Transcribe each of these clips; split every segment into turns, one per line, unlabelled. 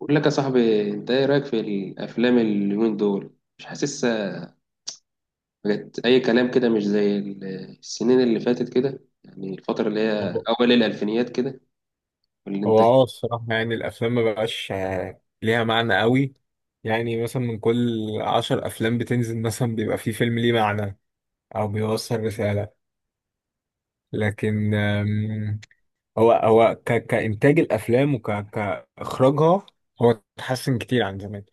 بقول لك يا صاحبي، انت ايه رايك في الافلام اليومين دول؟ مش حاسسها، بقت اي كلام كده، مش زي السنين اللي فاتت كده، يعني الفتره اللي هي
هو
اول الالفينيات كده
هو
والانتاج.
اه الصراحة يعني الأفلام ما بقاش ليها معنى قوي. يعني مثلا من كل عشر أفلام بتنزل مثلا بيبقى فيه فيلم ليه معنى أو بيوصل رسالة، لكن كإنتاج الأفلام وك... كإخراجها، هو اتحسن كتير عن زمان.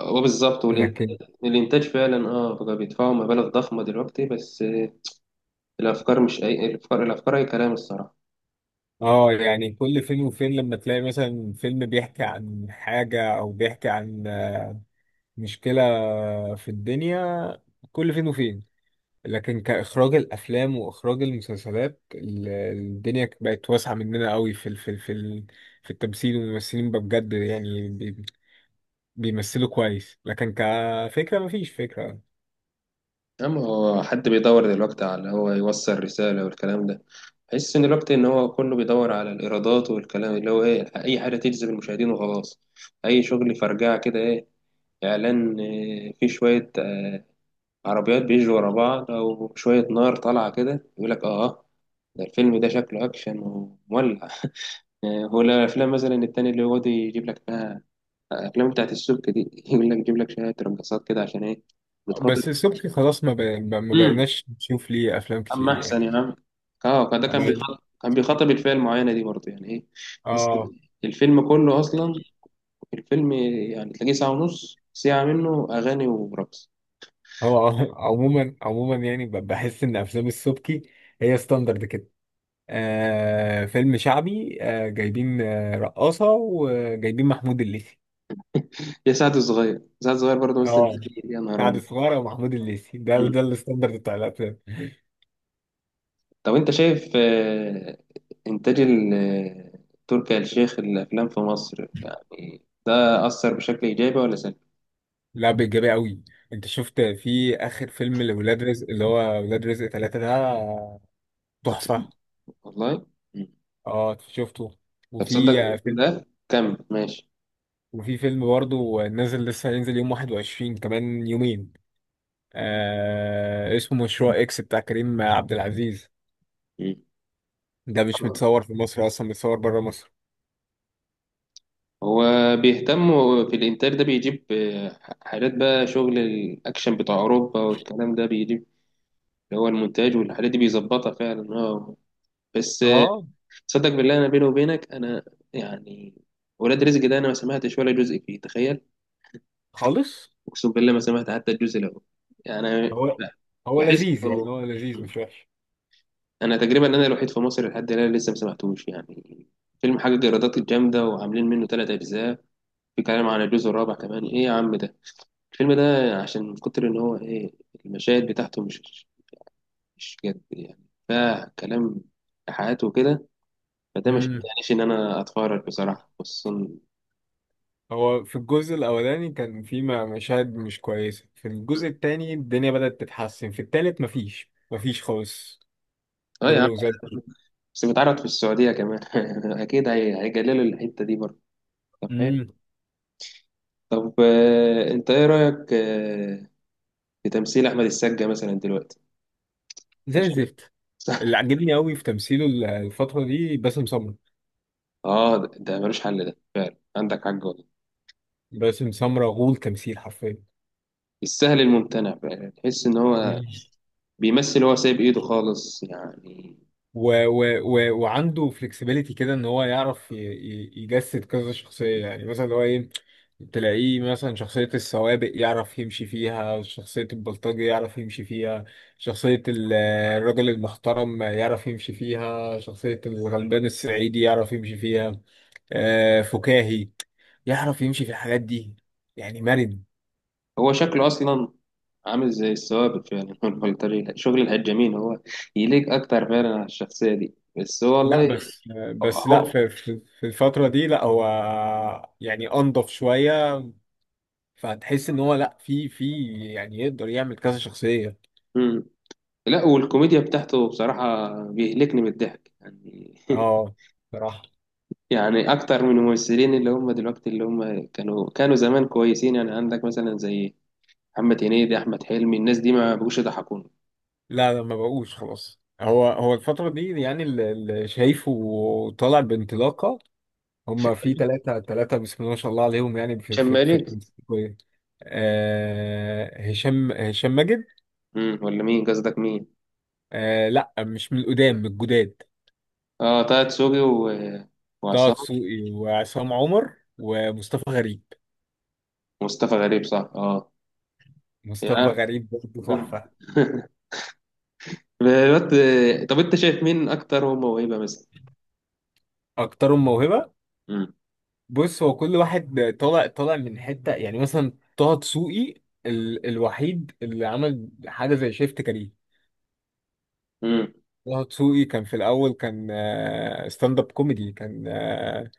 هو بالظبط،
لكن
والانتاج، الانتاج فعلا اه بقى بيدفعوا مبالغ ضخمه دلوقتي، بس الافكار مش اي، الافكار اي كلام الصراحه.
اه يعني كل فين وفين لما تلاقي مثلا فيلم بيحكي عن حاجة أو بيحكي عن مشكلة في الدنيا، كل فين وفين. لكن كإخراج الأفلام وإخراج المسلسلات، الدنيا بقت واسعة مننا قوي في التمثيل والممثلين بقى بجد، بيمثلوا كويس، لكن كفكرة مفيش فكرة.
أما هو حد بيدور دلوقتي على هو يوصل رسالة والكلام ده؟ بحس إن الوقت، إن هو كله بيدور على الإيرادات والكلام، اللي هو إيه، أي حاجة تجذب المشاهدين وخلاص. أي شغل فرجعة كده، إيه، إعلان، فيه شوية، عربيات بيجروا ورا بعض أو شوية نار طالعة كده، يقول لك آه ده، الفيلم ده شكله أكشن ومولع. هو الأفلام مثلا التاني اللي هو يجيب لك إنها الأفلام بتاعت السبك دي، يقول لك يجيب لك شوية رقصات كده عشان إيه؟ بتخاطر.
بس صبحي خلاص ما بقيناش نشوف ليه افلام
اما
كتير
احسن يا
يعني.
عم. اه، ده كان
عمال-
بيخاطب، كان بيخاطب الفئه المعينه دي برضه، يعني ايه؟ بس
اه.
الفيلم كله اصلا، الفيلم يعني تلاقيه ساعه ونص ساعه منه اغاني ورقص.
هو عموما عموما، يعني بحس ان افلام السبكي هي ستاندرد كده. آه فيلم شعبي، آه جايبين آه رقاصة وجايبين محمود الليثي.
يا سعد الصغير، برضه مثل
اه
فيه، يا نهار
سعد
ابيض.
صغيرة ومحمود الليثي، ده
مم.
ده الستاندرد بتاع الافلام.
طب انت شايف، انتاج تركي آل الشيخ الافلام في مصر، يعني ده اثر بشكل ايجابي ولا سلبي؟
لا، بإيجابية قوي. انت شفت في اخر فيلم لولاد رزق، اللي هو ولاد رزق ثلاثة، ده
طب تصدق-
تحفة.
والله. مم.
اه شفته.
طب
وفي
تصدق
فيلم
ده كمل ماشي.
وفي فيلم برضه نازل، لسه هينزل يوم 21، كمان يومين. آه اسمه مشروع اكس بتاع كريم عبد العزيز.
مم.
ده مش متصور في مصر اصلا، متصور بره مصر.
هو بيهتم في الإنتاج ده، بيجيب حاجات بقى، شغل الأكشن بتاع أوروبا والكلام ده، بيجيب اللي هو المونتاج والحاجات دي بيظبطها فعلا اه. بس
اه
صدق بالله، أنا بيني وبينك، أنا يعني ولاد رزق ده أنا ما سمعتش ولا جزء فيه، تخيل.
خالص.
أقسم بالله ما سمعت حتى الجزء الأول يعني.
هو هو
بحس
لذيذ، يعني هو لذيذ مش وحش.
أنا تقريبا أنا الوحيد في مصر لحد الآن لسه ما سمعتوش يعني. فيلم حاجة ايرادات جامدة وعاملين منه ثلاث أجزاء، بيتكلم عن الجزء الرابع كمان، ايه يا عم ده الفيلم ده؟ عشان من كتر ان هو ايه، المشاهد بتاعته مش مش جد يعني، فيها كلام حياته وكده، فده مش
امم،
معنيش ان انا اتفرج بصراحه، خصوصا.
هو في الجزء الاولاني كان في مشاهد مش كويسه، في الجزء التاني الدنيا بدأت تتحسن، في التالت مفيش خالص،
اه يا عم،
كله زي الزفت.
بس بيتعرض في السعوديه كمان اكيد هيجللوا الحته دي برضه. طب حلو.
امم،
طب انت ايه رايك في تمثيل احمد السقا مثلا دلوقتي؟
زي
ماشي.
الزفت. اللي عجبني قوي في تمثيله الفتره دي باسم سمرة.
اه، ده ملوش حل ده فعلا، عندك حق والله.
باسم سمرة غول تمثيل حرفيا.
السهل الممتنع بقى، تحس ان هو
مم.
بيمثل، هو سايب ايده خالص يعني.
و و و وعنده فلكسبيليتي كده ان هو يعرف يجسد كذا شخصية. يعني مثلا اللي هو ايه، تلاقيه مثلا شخصية السوابق يعرف يمشي فيها، شخصية البلطجي يعرف يمشي فيها، شخصية الراجل المحترم يعرف يمشي فيها، شخصية الغلبان الصعيدي يعرف يمشي فيها، فكاهي يعرف يمشي في الحاجات دي، يعني مرن.
هو شكله اصلا عامل زي الثوابت فعلا. هو البلطجي، شغل الهجامين، هو يليق اكتر فعلا على الشخصيه دي، بس هو
لا
والله.
بس، بس لا،
هو.
في الفترة دي لا، هو يعني أنضف شوية. فهتحس إن هو لا في، يعني يقدر يعمل كذا شخصية.
مم. لا، والكوميديا بتاعته بصراحه بيهلكني من الضحك يعني.
اه، بصراحة.
يعني اكتر من الممثلين اللي هم دلوقتي، اللي هم كانوا زمان كويسين، يعني عندك مثلا زي محمد هنيدي، احمد حلمي، الناس دي ما بقوش يضحكوني.
لا لا، ما بقوش خلاص. هو الفترة دي يعني اللي شايفه طالع بانطلاقة، هما في ثلاثة بسم الله ما شاء الله عليهم. يعني
شمالين.
في- آه هشام ماجد.
امم، ولا مين، قصدك مين؟
آه لا، مش من القدام، من الجداد.
اه، طه دسوقي
طه
وعصام.
دسوقي وعصام عمر ومصطفى غريب.
ومصطفى غريب، صح اه.
مصطفى
يعني.
غريب برضه تحفة.
بالوقت. طب انت شايف مين اكتر هو موهبه مثلا؟
أكترهم موهبة؟
امم.
بص، هو كل واحد طالع من حتة. يعني مثلا طه دسوقي الوحيد اللي عمل حاجة زي شيفت كارير.
امم.
طه دسوقي كان في الأول كان ستاند اب كوميدي، كان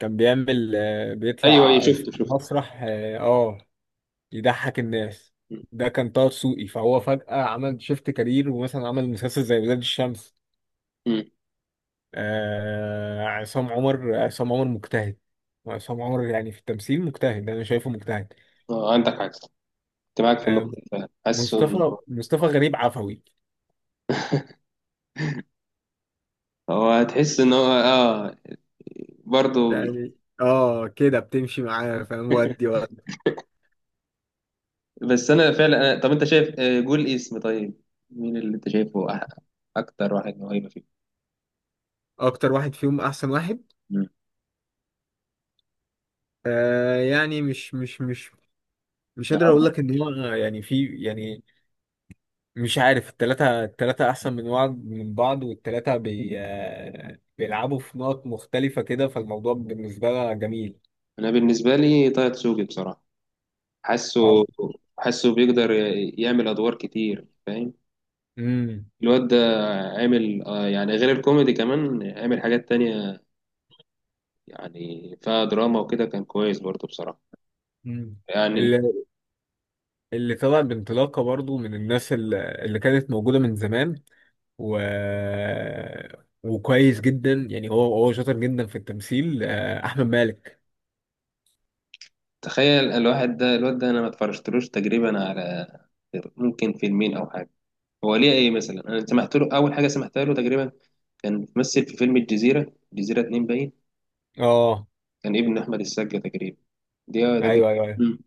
كان بيعمل
ايوه ايوه،
بيطلع في
شفته شفته.
مسرح يضحك الناس.
امم.
ده كان طه دسوقي، فهو فجأة عمل شيفت كارير، ومثلا عمل مسلسل زي ولاد الشمس.
أمم.
آه عصام عمر، عصام عمر مجتهد. عصام عمر يعني في التمثيل مجتهد، انا شايفه مجتهد.
اه، عندك حاجه صح، كنت معاك في النقطه
آه
دي فعلا. حاسه ان
مصطفى غريب عفوي،
هو، هتحس ان هو اه برضه.
يعني اه كده بتمشي معاه فاهم، ودي.
بس انا فعلا، طب انت شايف، قول اسم طيب، مين اللي انت شايفه اكتر واحد موهبه فيه؟
اكتر واحد فيهم احسن واحد؟
امم.
آه يعني مش قادر اقول
آه.
لك ان هو يعني في يعني، مش عارف. التلاتة أحسن من بعض، والتلاتة بي آه، بيلعبوا في نقط مختلفة كده، فالموضوع بالنسبة لها جميل.
انا بالنسبه لي طه دسوقي بصراحه، حاسه،
اه،
حاسه بيقدر يعمل ادوار كتير فاهم، الواد ده عامل يعني غير الكوميدي كمان، عامل حاجات تانية يعني فيها دراما وكده، كان كويس برضه بصراحة
امم.
يعني.
اللي طلع بانطلاقة برضو من الناس اللي كانت موجودة من زمان و... وكويس جدا، يعني هو شاطر جدا في التمثيل، آه أحمد مالك.
تخيل الواحد ده، الواد ده انا ما اتفرجتلوش تقريبا على غير ممكن فيلمين او حاجة. هو ليه ايه مثلا، انا سمعت له اول حاجة سمعتها له تقريبا، كان ممثل في فيلم الجزيرة، الجزيرة اتنين باين،
اه
كان ابن احمد السقا تقريبا دي، تقريبا.
ايوه ايوه ايوه.
مم.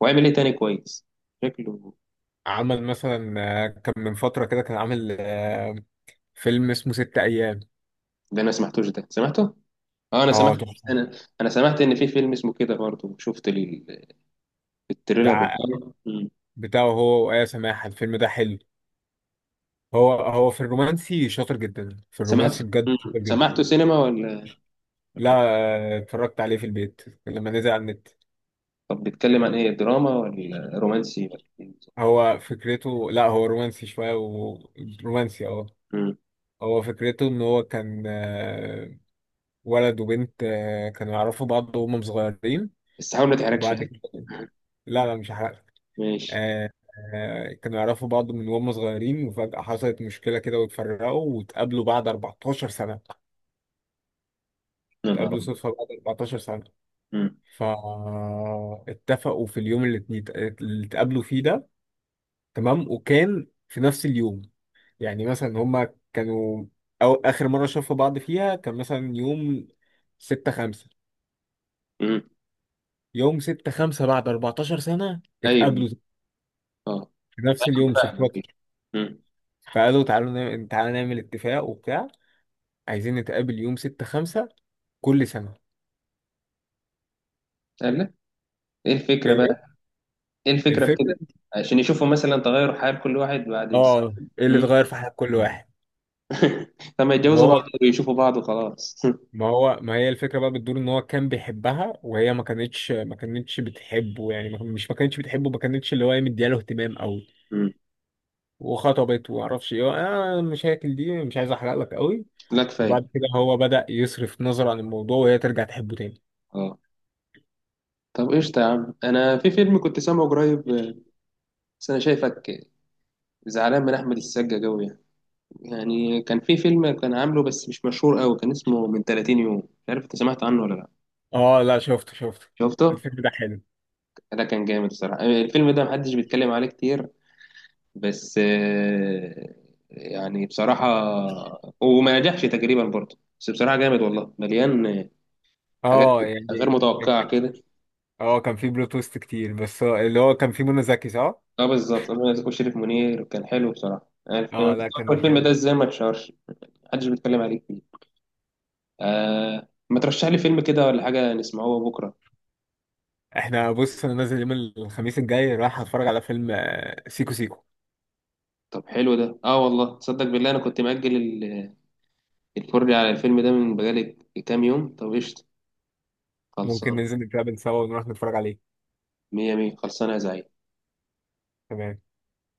وعمل ايه تاني كويس شكله؟
عمل مثلا كان من فترة كده كان عامل فيلم اسمه ست أيام.
ده انا سمعتوش، ده سمعته اه، انا سمعت،
اه تحفة.
انا انا سمعت ان في فيلم اسمه كده برضه، شفت التريلر
بتاع
بتاعه. مم.
بتاعه هو وآية سماحة، الفيلم ده حلو. هو في الرومانسي شاطر جدا، في
سمعت.
الرومانسي بجد
مم.
شاطر جدا.
سمعته سينما ولا؟
لا، آه اتفرجت عليه في البيت لما نزل على النت.
طب بيتكلم عن ايه، دراما ولا رومانسي ولا إيه بالظبط؟
هو فكرته لا، هو رومانسي شوية ورومانسي اه.
مم.
هو فكرته ان هو كان ولد وبنت كانوا يعرفوا بعض وهم صغيرين،
بس حاول ما تحرجش
وبعد
ها.
كده، لا لا مش هحرق.
ماشي.
آه، كانوا يعرفوا بعض من وهم صغيرين، وفجأة حصلت مشكلة كده واتفرقوا، واتقابلوا بعد 14 سنة.
يا نهار
اتقابلوا
أبيض.
صدفة بعد 14 سنة،
مم.
فاتفقوا في اليوم اللي اتقابلوا فيه ده. تمام، وكان في نفس اليوم يعني، مثلا هما كانوا أو آخر مرة شافوا بعض فيها كان مثلا يوم ستة خمسة.
مم.
يوم ستة خمسة بعد 14 سنة
ايوه.
اتقابلوا
اه.
في نفس
أنا
اليوم صدفة.
فاهمك. مم.
فقالوا تعالوا نعمل تعالوا نعمل اتفاق وبتاع، عايزين نتقابل يوم ستة خمسة كل سنة.
قال لك ايه الفكره
ايه
بقى؟ ايه الفكره في كده؟
الفكرة؟
عشان يشوفوا مثلا تغير حال كل واحد بعد
اه ايه اللي
مم.
اتغير في حياة كل واحد.
لما يتجوزوا
وهو
بعض ويشوفوا بعض وخلاص.
ما هي الفكرة بقى بتدور، ان هو كان بيحبها وهي ما كانتش بتحبه، يعني ما- كان- مش ما كانتش بتحبه، ما كانتش اللي هو إيه مدياله اهتمام او،
مم.
وخطبت ومعرفش ايه، انا المشاكل دي مش عايز احرق لك قوي.
لا كفايه.
وبعد كده هو بدأ يصرف نظر عن الموضوع، وهي ترجع تحبه تاني.
اه. طب قشطة يا عم، أنا في فيلم كنت سامعه قريب، بس أنا شايفك زعلان من أحمد السقا أوي يعني، يعني كان في فيلم كان عامله بس مش مشهور أوي، كان اسمه من 30 يوم، مش عارف أنت سمعت عنه ولا لأ؟
اه لا، شفته،
شفته؟
الفيلم ده حلو.
ده كان جامد الصراحة، الفيلم ده محدش بيتكلم عليه كتير، بس يعني بصراحة، وما نجحش تقريبا برضه، بس بصراحة جامد والله، مليان حاجات
اه
غير
يعني
متوقعة كده.
اه كان فيه بلوت تويست كتير، بس اللي هو كان فيه منى زكي صح؟
اه بالظبط، أنا شريف منير كان حلو بصراحة الفيلم.
اه لا كان
الفيلم
حلو.
ده ازاي ما اتشهرش؟ محدش بيتكلم عليك فيه. آه، ما ترشح لي فيلم كده ولا حاجة نسمعوه بكرة.
احنا بص انا نازل يوم الخميس الجاي، رايح اتفرج على فيلم سيكو سيكو.
طب حلو ده، اه والله، تصدق بالله انا كنت مأجل الفرجة على الفيلم ده من بقالي كام يوم. طب قشطة،
ممكن
خلصان،
ننزل نتقابل سوا ونروح نتفرج عليه.
مية مية، خلصانة يا زعيم.
تمام.